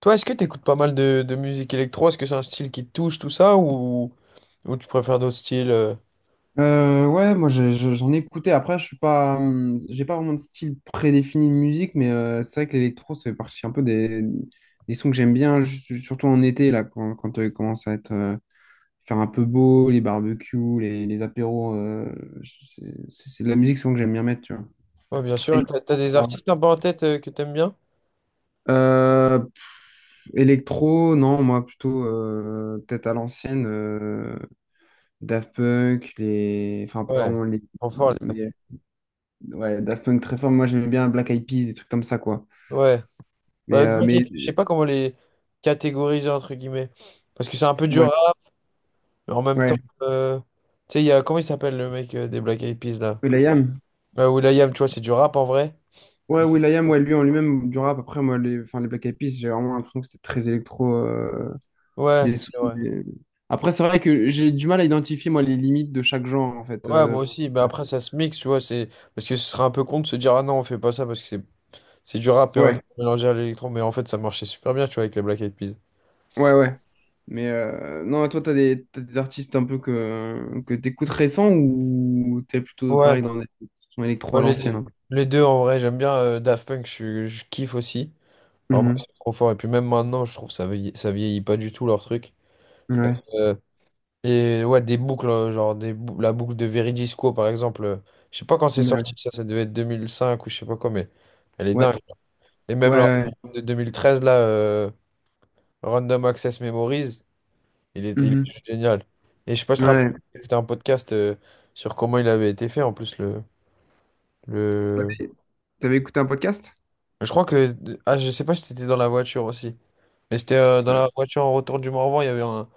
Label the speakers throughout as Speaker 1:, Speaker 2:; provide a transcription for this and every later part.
Speaker 1: Toi, est-ce que tu écoutes pas mal de musique électro? Est-ce que c'est un style qui te touche, tout ça, ou tu préfères d'autres styles?
Speaker 2: Ouais, moi j'en ai écouté. Après, je suis pas, j'ai pas vraiment de style prédéfini de musique, mais c'est vrai que l'électro, ça fait partie un peu des sons que j'aime bien, surtout en été, là, quand il commence à être, faire un peu beau, les barbecues, les apéros. C'est c'est de la musique souvent que j'aime bien mettre, tu vois.
Speaker 1: Ouais, bien sûr. T'as des
Speaker 2: Électro,
Speaker 1: artistes un peu en tête que t'aimes bien?
Speaker 2: euh, Électro, non, moi plutôt peut-être à l'ancienne, Daft Punk, les, enfin pas
Speaker 1: Ouais.
Speaker 2: vraiment les.
Speaker 1: Enfin,
Speaker 2: Ouais, Daft Punk très fort. Moi, j'aimais bien Black Eyed Peas, des trucs comme ça, quoi.
Speaker 1: ouais. Ouais,
Speaker 2: Mais
Speaker 1: je sais pas comment les catégoriser, entre guillemets. Parce que c'est un peu dur
Speaker 2: ouais,
Speaker 1: rap, mais en même temps,
Speaker 2: ouais.
Speaker 1: tu sais, il y a, comment il s'appelle le mec des Black Eyed Peas, là?
Speaker 2: Will.i.am.
Speaker 1: Will.i.am, tu vois, c'est du rap en vrai.
Speaker 2: Ouais, will.i.am, ouais, lui en lui-même, du rap. Après, moi, les, enfin, les Black Eyed Peas, j'ai vraiment l'impression que c'était très électro.
Speaker 1: Ouais.
Speaker 2: Les sons, après, c'est vrai que j'ai du mal à identifier, moi, les limites de chaque genre, en fait.
Speaker 1: Ouais, moi aussi. Mais après, ça se mixe, tu vois. C'est... Parce que ce serait un peu con de se dire, ah non, on fait pas ça parce que c'est du rap et en même
Speaker 2: Ouais,
Speaker 1: temps mélangé à l'électro, mais en fait ça marchait super bien, tu vois, avec les Black Eyed Peas.
Speaker 2: ouais, ouais. Mais non, toi, t'as des artistes un peu que t'écoutes récents, ou t'es plutôt
Speaker 1: Ouais,
Speaker 2: pareil dans des sons électro
Speaker 1: ouais,
Speaker 2: à
Speaker 1: les
Speaker 2: l'ancienne,
Speaker 1: deux.
Speaker 2: un peu.
Speaker 1: Les deux, en vrai, j'aime bien Daft Punk, je kiffe aussi. Vraiment,
Speaker 2: Mhm.
Speaker 1: c'est trop fort. Et puis même maintenant, je trouve ça vieillit pas du tout leur truc.
Speaker 2: Ouais.
Speaker 1: Euh, et ouais, des boucles, genre la boucle de Veridisco, par exemple. Je sais pas quand c'est
Speaker 2: Ouais.
Speaker 1: sorti, ça devait être 2005 ou je sais pas quoi, mais elle est
Speaker 2: Ouais.
Speaker 1: dingue. Et même leur
Speaker 2: Ouais.
Speaker 1: album de 2013, là, Random Access Memories, il était, il
Speaker 2: Ouais.
Speaker 1: est génial. Et je sais pas, je te rappelle,
Speaker 2: Ouais.
Speaker 1: j'ai écouté un podcast sur comment il avait été fait en plus le...
Speaker 2: T'avais t'avais écouté un podcast?
Speaker 1: Je crois que... Ah, je sais pas si c'était dans la voiture aussi. Mais c'était dans
Speaker 2: Ouais.
Speaker 1: la voiture en retour du Morvan, il y avait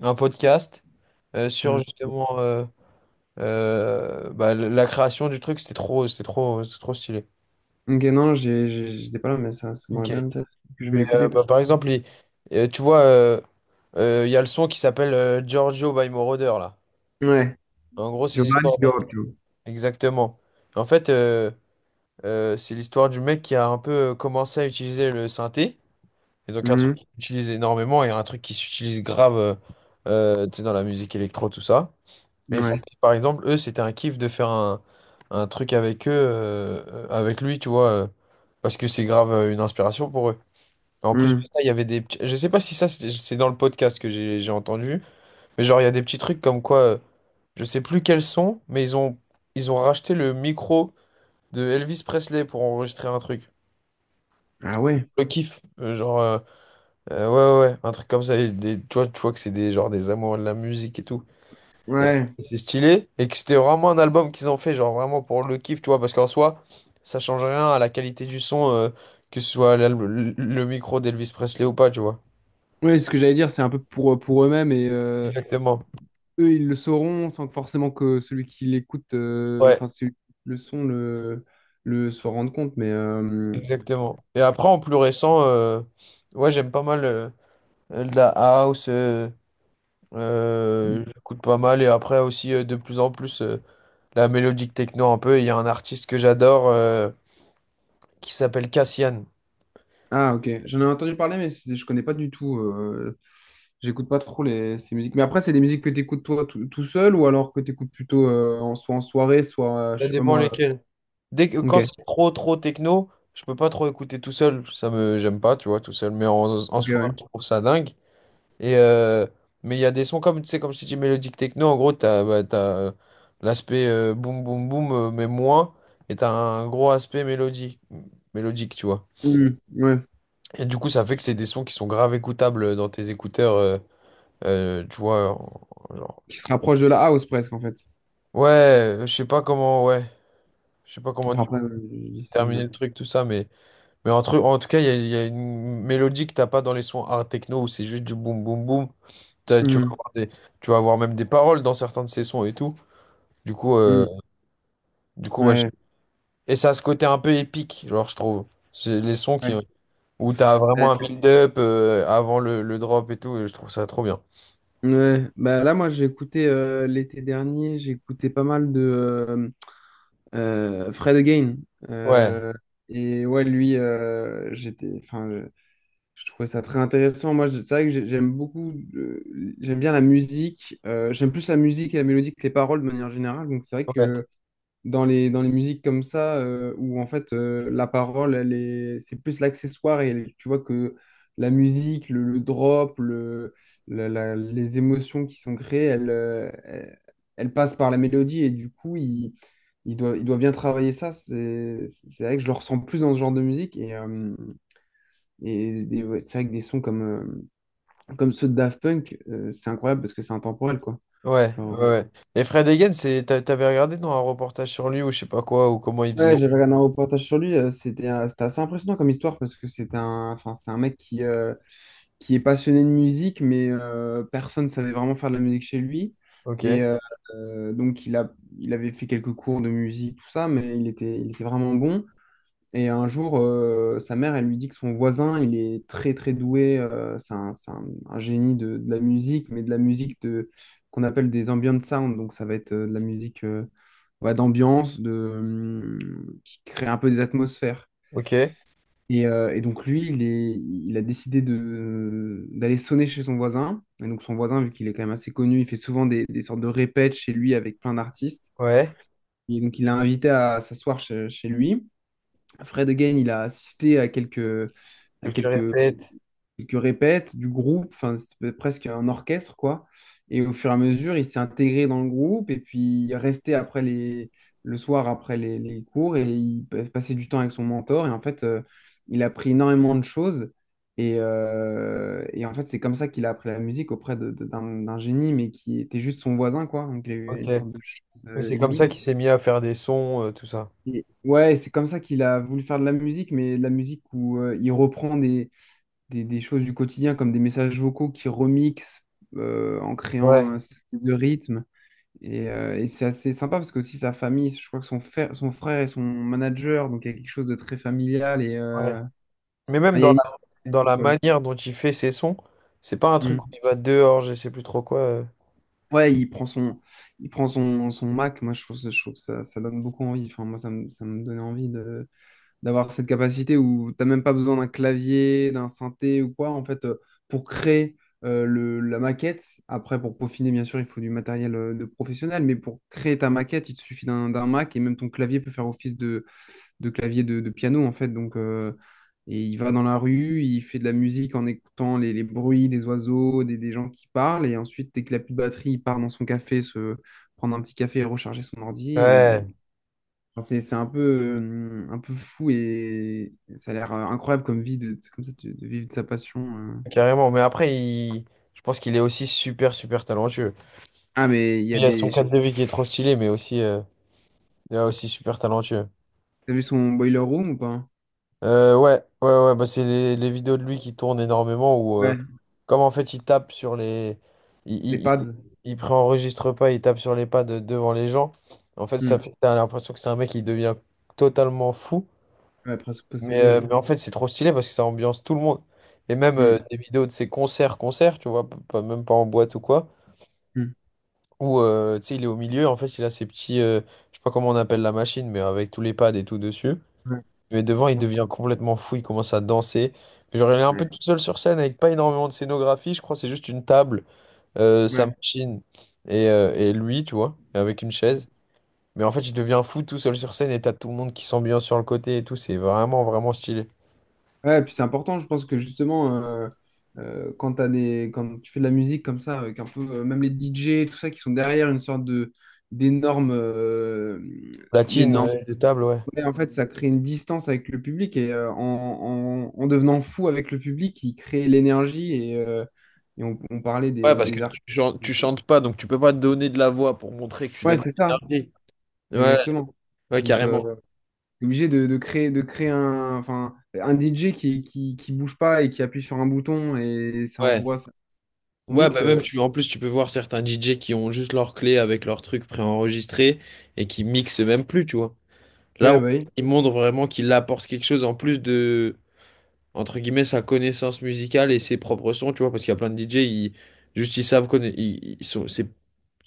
Speaker 1: un podcast sur
Speaker 2: Euh,
Speaker 1: justement bah, la création du truc. C'était trop stylé.
Speaker 2: ok, non, j'étais pas là, mais ça m'aurait
Speaker 1: Ok.
Speaker 2: bien intéressé. Je vais
Speaker 1: Mais
Speaker 2: l'écouter.
Speaker 1: bah, par exemple, tu vois, il y a le son qui s'appelle Giorgio by Moroder là.
Speaker 2: Ouais.
Speaker 1: En gros, c'est une
Speaker 2: Giovanni
Speaker 1: l'histoire.
Speaker 2: Giorgio.
Speaker 1: Exactement. En fait... c'est l'histoire du mec qui a un peu commencé à utiliser le synthé. Et donc un truc
Speaker 2: Mhm.
Speaker 1: qui s'utilise énormément et un truc qui s'utilise grave tu sais, dans la musique électro, tout ça. Et ça,
Speaker 2: Ouais.
Speaker 1: par exemple, eux, c'était un kiff de faire un truc avec eux, avec lui, tu vois, parce que c'est grave une inspiration pour eux. En plus de
Speaker 2: Mhm.
Speaker 1: ça, il y avait des petits... Je sais pas si ça, c'est dans le podcast que j'ai entendu, mais genre, il y a des petits trucs comme quoi, je sais plus quels sont, mais ils ont racheté le micro de Elvis Presley pour enregistrer un truc.
Speaker 2: Ah ouais.
Speaker 1: Le kiff, genre, euh, ouais, ouais, ouais, un truc comme ça. Et des, tu vois que c'est des, genre, des amoureux de la musique et tout.
Speaker 2: Ouais.
Speaker 1: Et c'est stylé. Et que c'était vraiment un album qu'ils ont fait, genre, vraiment pour le kiff, tu vois, parce qu'en soi, ça change rien à la qualité du son, que ce soit le micro d'Elvis Presley ou pas, tu vois.
Speaker 2: Ouais, ce que j'allais dire, c'est un peu pour eux-mêmes et
Speaker 1: Exactement.
Speaker 2: eux, ils le sauront sans que forcément que celui qui l'écoute,
Speaker 1: Ouais,
Speaker 2: enfin, celui qui écoute le son, le s'en rende compte. Mais, euh.
Speaker 1: exactement. Et après, en plus récent, ouais, j'aime pas mal de la house. J'écoute pas mal. Et après aussi, de plus en plus. La mélodique techno un peu. Et il y a un artiste que j'adore qui s'appelle Cassian.
Speaker 2: Ah, ok. J'en ai entendu parler, mais je connais pas du tout. J'écoute pas trop les, ces musiques. Mais après, c'est des musiques que tu écoutes toi tout seul, ou alors que tu écoutes plutôt en, soit en soirée, soit, je
Speaker 1: Ça
Speaker 2: sais pas
Speaker 1: dépend
Speaker 2: moi.
Speaker 1: lesquels. Dès que,
Speaker 2: Ok.
Speaker 1: quand c'est trop techno, je peux pas trop écouter tout seul. Ça me j'aime pas, tu vois, tout seul. Mais en, en
Speaker 2: Ok,
Speaker 1: soi,
Speaker 2: ouais.
Speaker 1: je trouve ça dingue. Et mais il y a des sons comme tu sais, comme je t'ai dis mélodique techno. En gros, t'as bah, t'as l'aspect boum boum boum, mais moins. Et t'as un gros aspect mélodique, mélodique, tu vois.
Speaker 2: Hmm, ouais.
Speaker 1: Et du coup, ça fait que c'est des sons qui sont grave écoutables dans tes écouteurs, tu vois,
Speaker 2: Qui se rapproche de la house presque, en fait.
Speaker 1: ouais, je sais pas comment, ouais, je sais pas comment
Speaker 2: Enfin, après, je dis ça,
Speaker 1: terminer
Speaker 2: mais.
Speaker 1: le truc, tout ça, mais en, en tout cas, il y a une mélodie que t'as pas dans les sons art techno où c'est juste du boum boum boum. Tu vas
Speaker 2: Hmm,
Speaker 1: avoir des, tu vas avoir même des paroles dans certains de ces sons et tout. Du coup, euh,
Speaker 2: hmm,
Speaker 1: du coup, ouais,
Speaker 2: ouais.
Speaker 1: et ça a ce côté un peu épique, genre, je trouve. C'est les sons qui,
Speaker 2: Ouais.
Speaker 1: où t'as vraiment
Speaker 2: Ouais.
Speaker 1: un build-up avant le drop et tout, et je trouve ça trop bien.
Speaker 2: Ouais. Bah, là, moi, j'ai écouté l'été dernier, j'ai écouté pas mal de Fred Again.
Speaker 1: Ouais,
Speaker 2: Euh, et ouais, lui, j'étais. Enfin, je trouvais ça très intéressant. Moi, c'est vrai que j'aime beaucoup, j'aime bien la musique. J'aime plus la musique et la mélodie que les paroles de manière générale. Donc, c'est vrai
Speaker 1: ouais,
Speaker 2: que dans les musiques comme ça, où en fait la parole, elle est, c'est plus l'accessoire, et tu vois que la musique, le drop, le, les émotions qui sont créées, elles, elles, elles passent par la mélodie, et du coup, il, il doit bien travailler ça. C'est vrai que je le ressens plus dans ce genre de musique. Et ouais, c'est vrai que des sons comme, comme ceux de Daft Punk, c'est incroyable parce que c'est intemporel, quoi.
Speaker 1: ouais,
Speaker 2: Genre,
Speaker 1: ouais.
Speaker 2: ouais,
Speaker 1: ouais. Et Fred Again, c'est, t'avais regardé dans un reportage sur lui ou je sais pas quoi, ou comment il faisait.
Speaker 2: ouais, j'avais regardé un reportage sur lui, c'était c'était assez impressionnant comme histoire, parce que c'est un, enfin, c'est un mec qui est passionné de musique, mais personne ne savait vraiment faire de la musique chez lui. Et
Speaker 1: Ok.
Speaker 2: donc, il avait fait quelques cours de musique, tout ça, mais il était vraiment bon. Et un jour, sa mère, elle lui dit que son voisin, il est très très doué, c'est un, un génie de la musique, mais de la musique de, qu'on appelle des ambient sound, donc ça va être de la musique ouais, d'ambiance, de, qui crée un peu des atmosphères.
Speaker 1: Ok,
Speaker 2: Et donc lui, il a décidé de, d'aller sonner chez son voisin. Et donc son voisin, vu qu'il est quand même assez connu, il fait souvent des sortes de répètes chez lui avec plein d'artistes.
Speaker 1: ouais.
Speaker 2: Et donc il l'a invité à s'asseoir chez lui. Fred Again, il a assisté à
Speaker 1: Que tu
Speaker 2: quelques,
Speaker 1: répètes.
Speaker 2: quelques répètes du groupe, enfin, c'était presque un orchestre, quoi. Et au fur et à mesure, il s'est intégré dans le groupe, et puis il est resté après les, le soir après les cours, et il passait du temps avec son mentor. Et en fait, il a appris énormément de choses. Et en fait, c'est comme ça qu'il a appris la musique auprès d'un génie, mais qui était juste son voisin, quoi. Donc, il a eu
Speaker 1: Ok.
Speaker 2: une sorte de chance
Speaker 1: Mais c'est comme
Speaker 2: inouïe.
Speaker 1: ça qu'il s'est mis à faire des sons, tout ça.
Speaker 2: Ouais, c'est comme ça qu'il a voulu faire de la musique, mais de la musique où il reprend des choses du quotidien, comme des messages vocaux qu'il remixe en créant
Speaker 1: Ouais,
Speaker 2: un espèce de rythme. Et c'est assez sympa parce que aussi sa famille, je crois que son frère est son manager, donc il y a quelque chose de très familial, et
Speaker 1: ouais.
Speaker 2: enfin,
Speaker 1: Mais même
Speaker 2: il y a une
Speaker 1: dans
Speaker 2: histoire
Speaker 1: la
Speaker 2: folle.
Speaker 1: manière dont il fait ses sons, c'est pas un truc où
Speaker 2: Mm.
Speaker 1: il va dehors, je sais plus trop quoi.
Speaker 2: Ouais, son Mac. Moi, je trouve, je trouve que ça donne beaucoup envie. Enfin, moi, ça me donnait envie de d'avoir cette capacité où t'as même pas besoin d'un clavier, d'un synthé ou quoi, en fait, pour créer le, la maquette. Après, pour peaufiner, bien sûr, il faut du matériel de professionnel, mais pour créer ta maquette, il te suffit d'un Mac, et même ton clavier peut faire office de clavier de piano, en fait. Donc, et il va dans la rue, il fait de la musique en écoutant les bruits des oiseaux, des gens qui parlent, et ensuite, dès qu'il a plus de batterie, il part dans son café, se prendre un petit café et recharger son ordi. Et
Speaker 1: Ouais.
Speaker 2: enfin, c'est un peu fou, et ça a l'air incroyable comme vie de, comme ça, de vivre de sa passion. Euh.
Speaker 1: Carrément. Mais après, il... je pense qu'il est aussi super, super talentueux.
Speaker 2: Ah, mais il y
Speaker 1: Il
Speaker 2: a
Speaker 1: y a son
Speaker 2: des. Je sais
Speaker 1: cadre
Speaker 2: pas
Speaker 1: de
Speaker 2: si
Speaker 1: vie qui est trop stylé, mais aussi, il est aussi super talentueux.
Speaker 2: t'as vu son boiler room ou pas?
Speaker 1: Ouais, ouais, ouais, bah c'est les vidéos de lui qui tournent énormément où,
Speaker 2: Ouais,
Speaker 1: comme en fait, il tape sur les. Il,
Speaker 2: les
Speaker 1: il, il,
Speaker 2: pads.
Speaker 1: il préenregistre pas, il tape sur les pads devant les gens. En fait, ça
Speaker 2: Hmm.
Speaker 1: fait. T'as l'impression que c'est un mec qui devient totalement fou.
Speaker 2: Ouais, presque possédé, ouais.
Speaker 1: Mais en fait, c'est trop stylé parce que ça ambiance tout le monde. Et même
Speaker 2: Hmm.
Speaker 1: des vidéos de ses concerts, tu vois, pas, même pas en boîte ou quoi.
Speaker 2: Hmm.
Speaker 1: Où, tu sais, il est au milieu, en fait, il a ses petits. Je sais pas comment on appelle la machine, mais avec tous les pads et tout dessus.
Speaker 2: Ouais.
Speaker 1: Mais devant, il devient complètement fou, il commence à danser. Genre, elle est un
Speaker 2: Ouais.
Speaker 1: peu toute seule sur scène avec pas énormément de scénographie, je crois, c'est juste une table, sa
Speaker 2: Ouais.
Speaker 1: machine et lui, tu vois, avec une chaise. Mais en fait, il devient fou tout seul sur scène et t'as tout le monde qui s'ambiance sur le côté et tout, c'est vraiment, vraiment stylé.
Speaker 2: Ouais, puis c'est important, je pense que justement, quand t'as des, quand tu fais de la musique comme ça, avec un peu, même les DJ, tout ça, qui sont derrière une sorte de d'énormes euh.
Speaker 1: Platine, de table, ouais.
Speaker 2: Mais en fait, ça crée une distance avec le public, et en devenant fou avec le public, il crée l'énergie, et on parlait
Speaker 1: Ouais, parce que
Speaker 2: des artistes.
Speaker 1: tu chantes pas, donc tu peux pas donner de la voix pour montrer que tu
Speaker 2: Ouais,
Speaker 1: donnes de
Speaker 2: c'est ça,
Speaker 1: l'énergie. Ouais,
Speaker 2: exactement.
Speaker 1: ouais,
Speaker 2: Donc,
Speaker 1: carrément.
Speaker 2: t'es obligé de, de créer un, enfin, un DJ qui bouge pas et qui appuie sur un bouton et ça
Speaker 1: Ouais.
Speaker 2: envoie ça. On
Speaker 1: Ouais, bah
Speaker 2: mixe. Euh,
Speaker 1: même tu, en plus tu peux voir certains DJ qui ont juste leur clé avec leur truc préenregistré et qui mixent même plus, tu vois. Là,
Speaker 2: ouais,
Speaker 1: on-
Speaker 2: bah oui.
Speaker 1: il montre vraiment qu'il apporte quelque chose en plus de, entre guillemets, sa connaissance musicale et ses propres sons, tu vois, parce qu'il y a plein de DJ, ils, juste ils savent connaître, ils sont, c'est,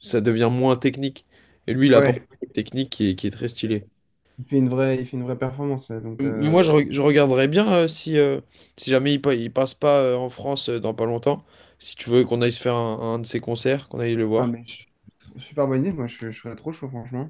Speaker 1: ça devient moins technique. Et lui, il apporte
Speaker 2: Ouais,
Speaker 1: une technique qui est très stylée.
Speaker 2: il fait une vraie performance. Ouais. Donc,
Speaker 1: Mais moi, je, je regarderais bien si, si jamais il, il passe pas en France dans pas longtemps, si tu veux qu'on aille se faire un de ses concerts, qu'on aille le
Speaker 2: ah,
Speaker 1: voir.
Speaker 2: mais je- super bonne idée. Moi, je serais trop chaud, franchement.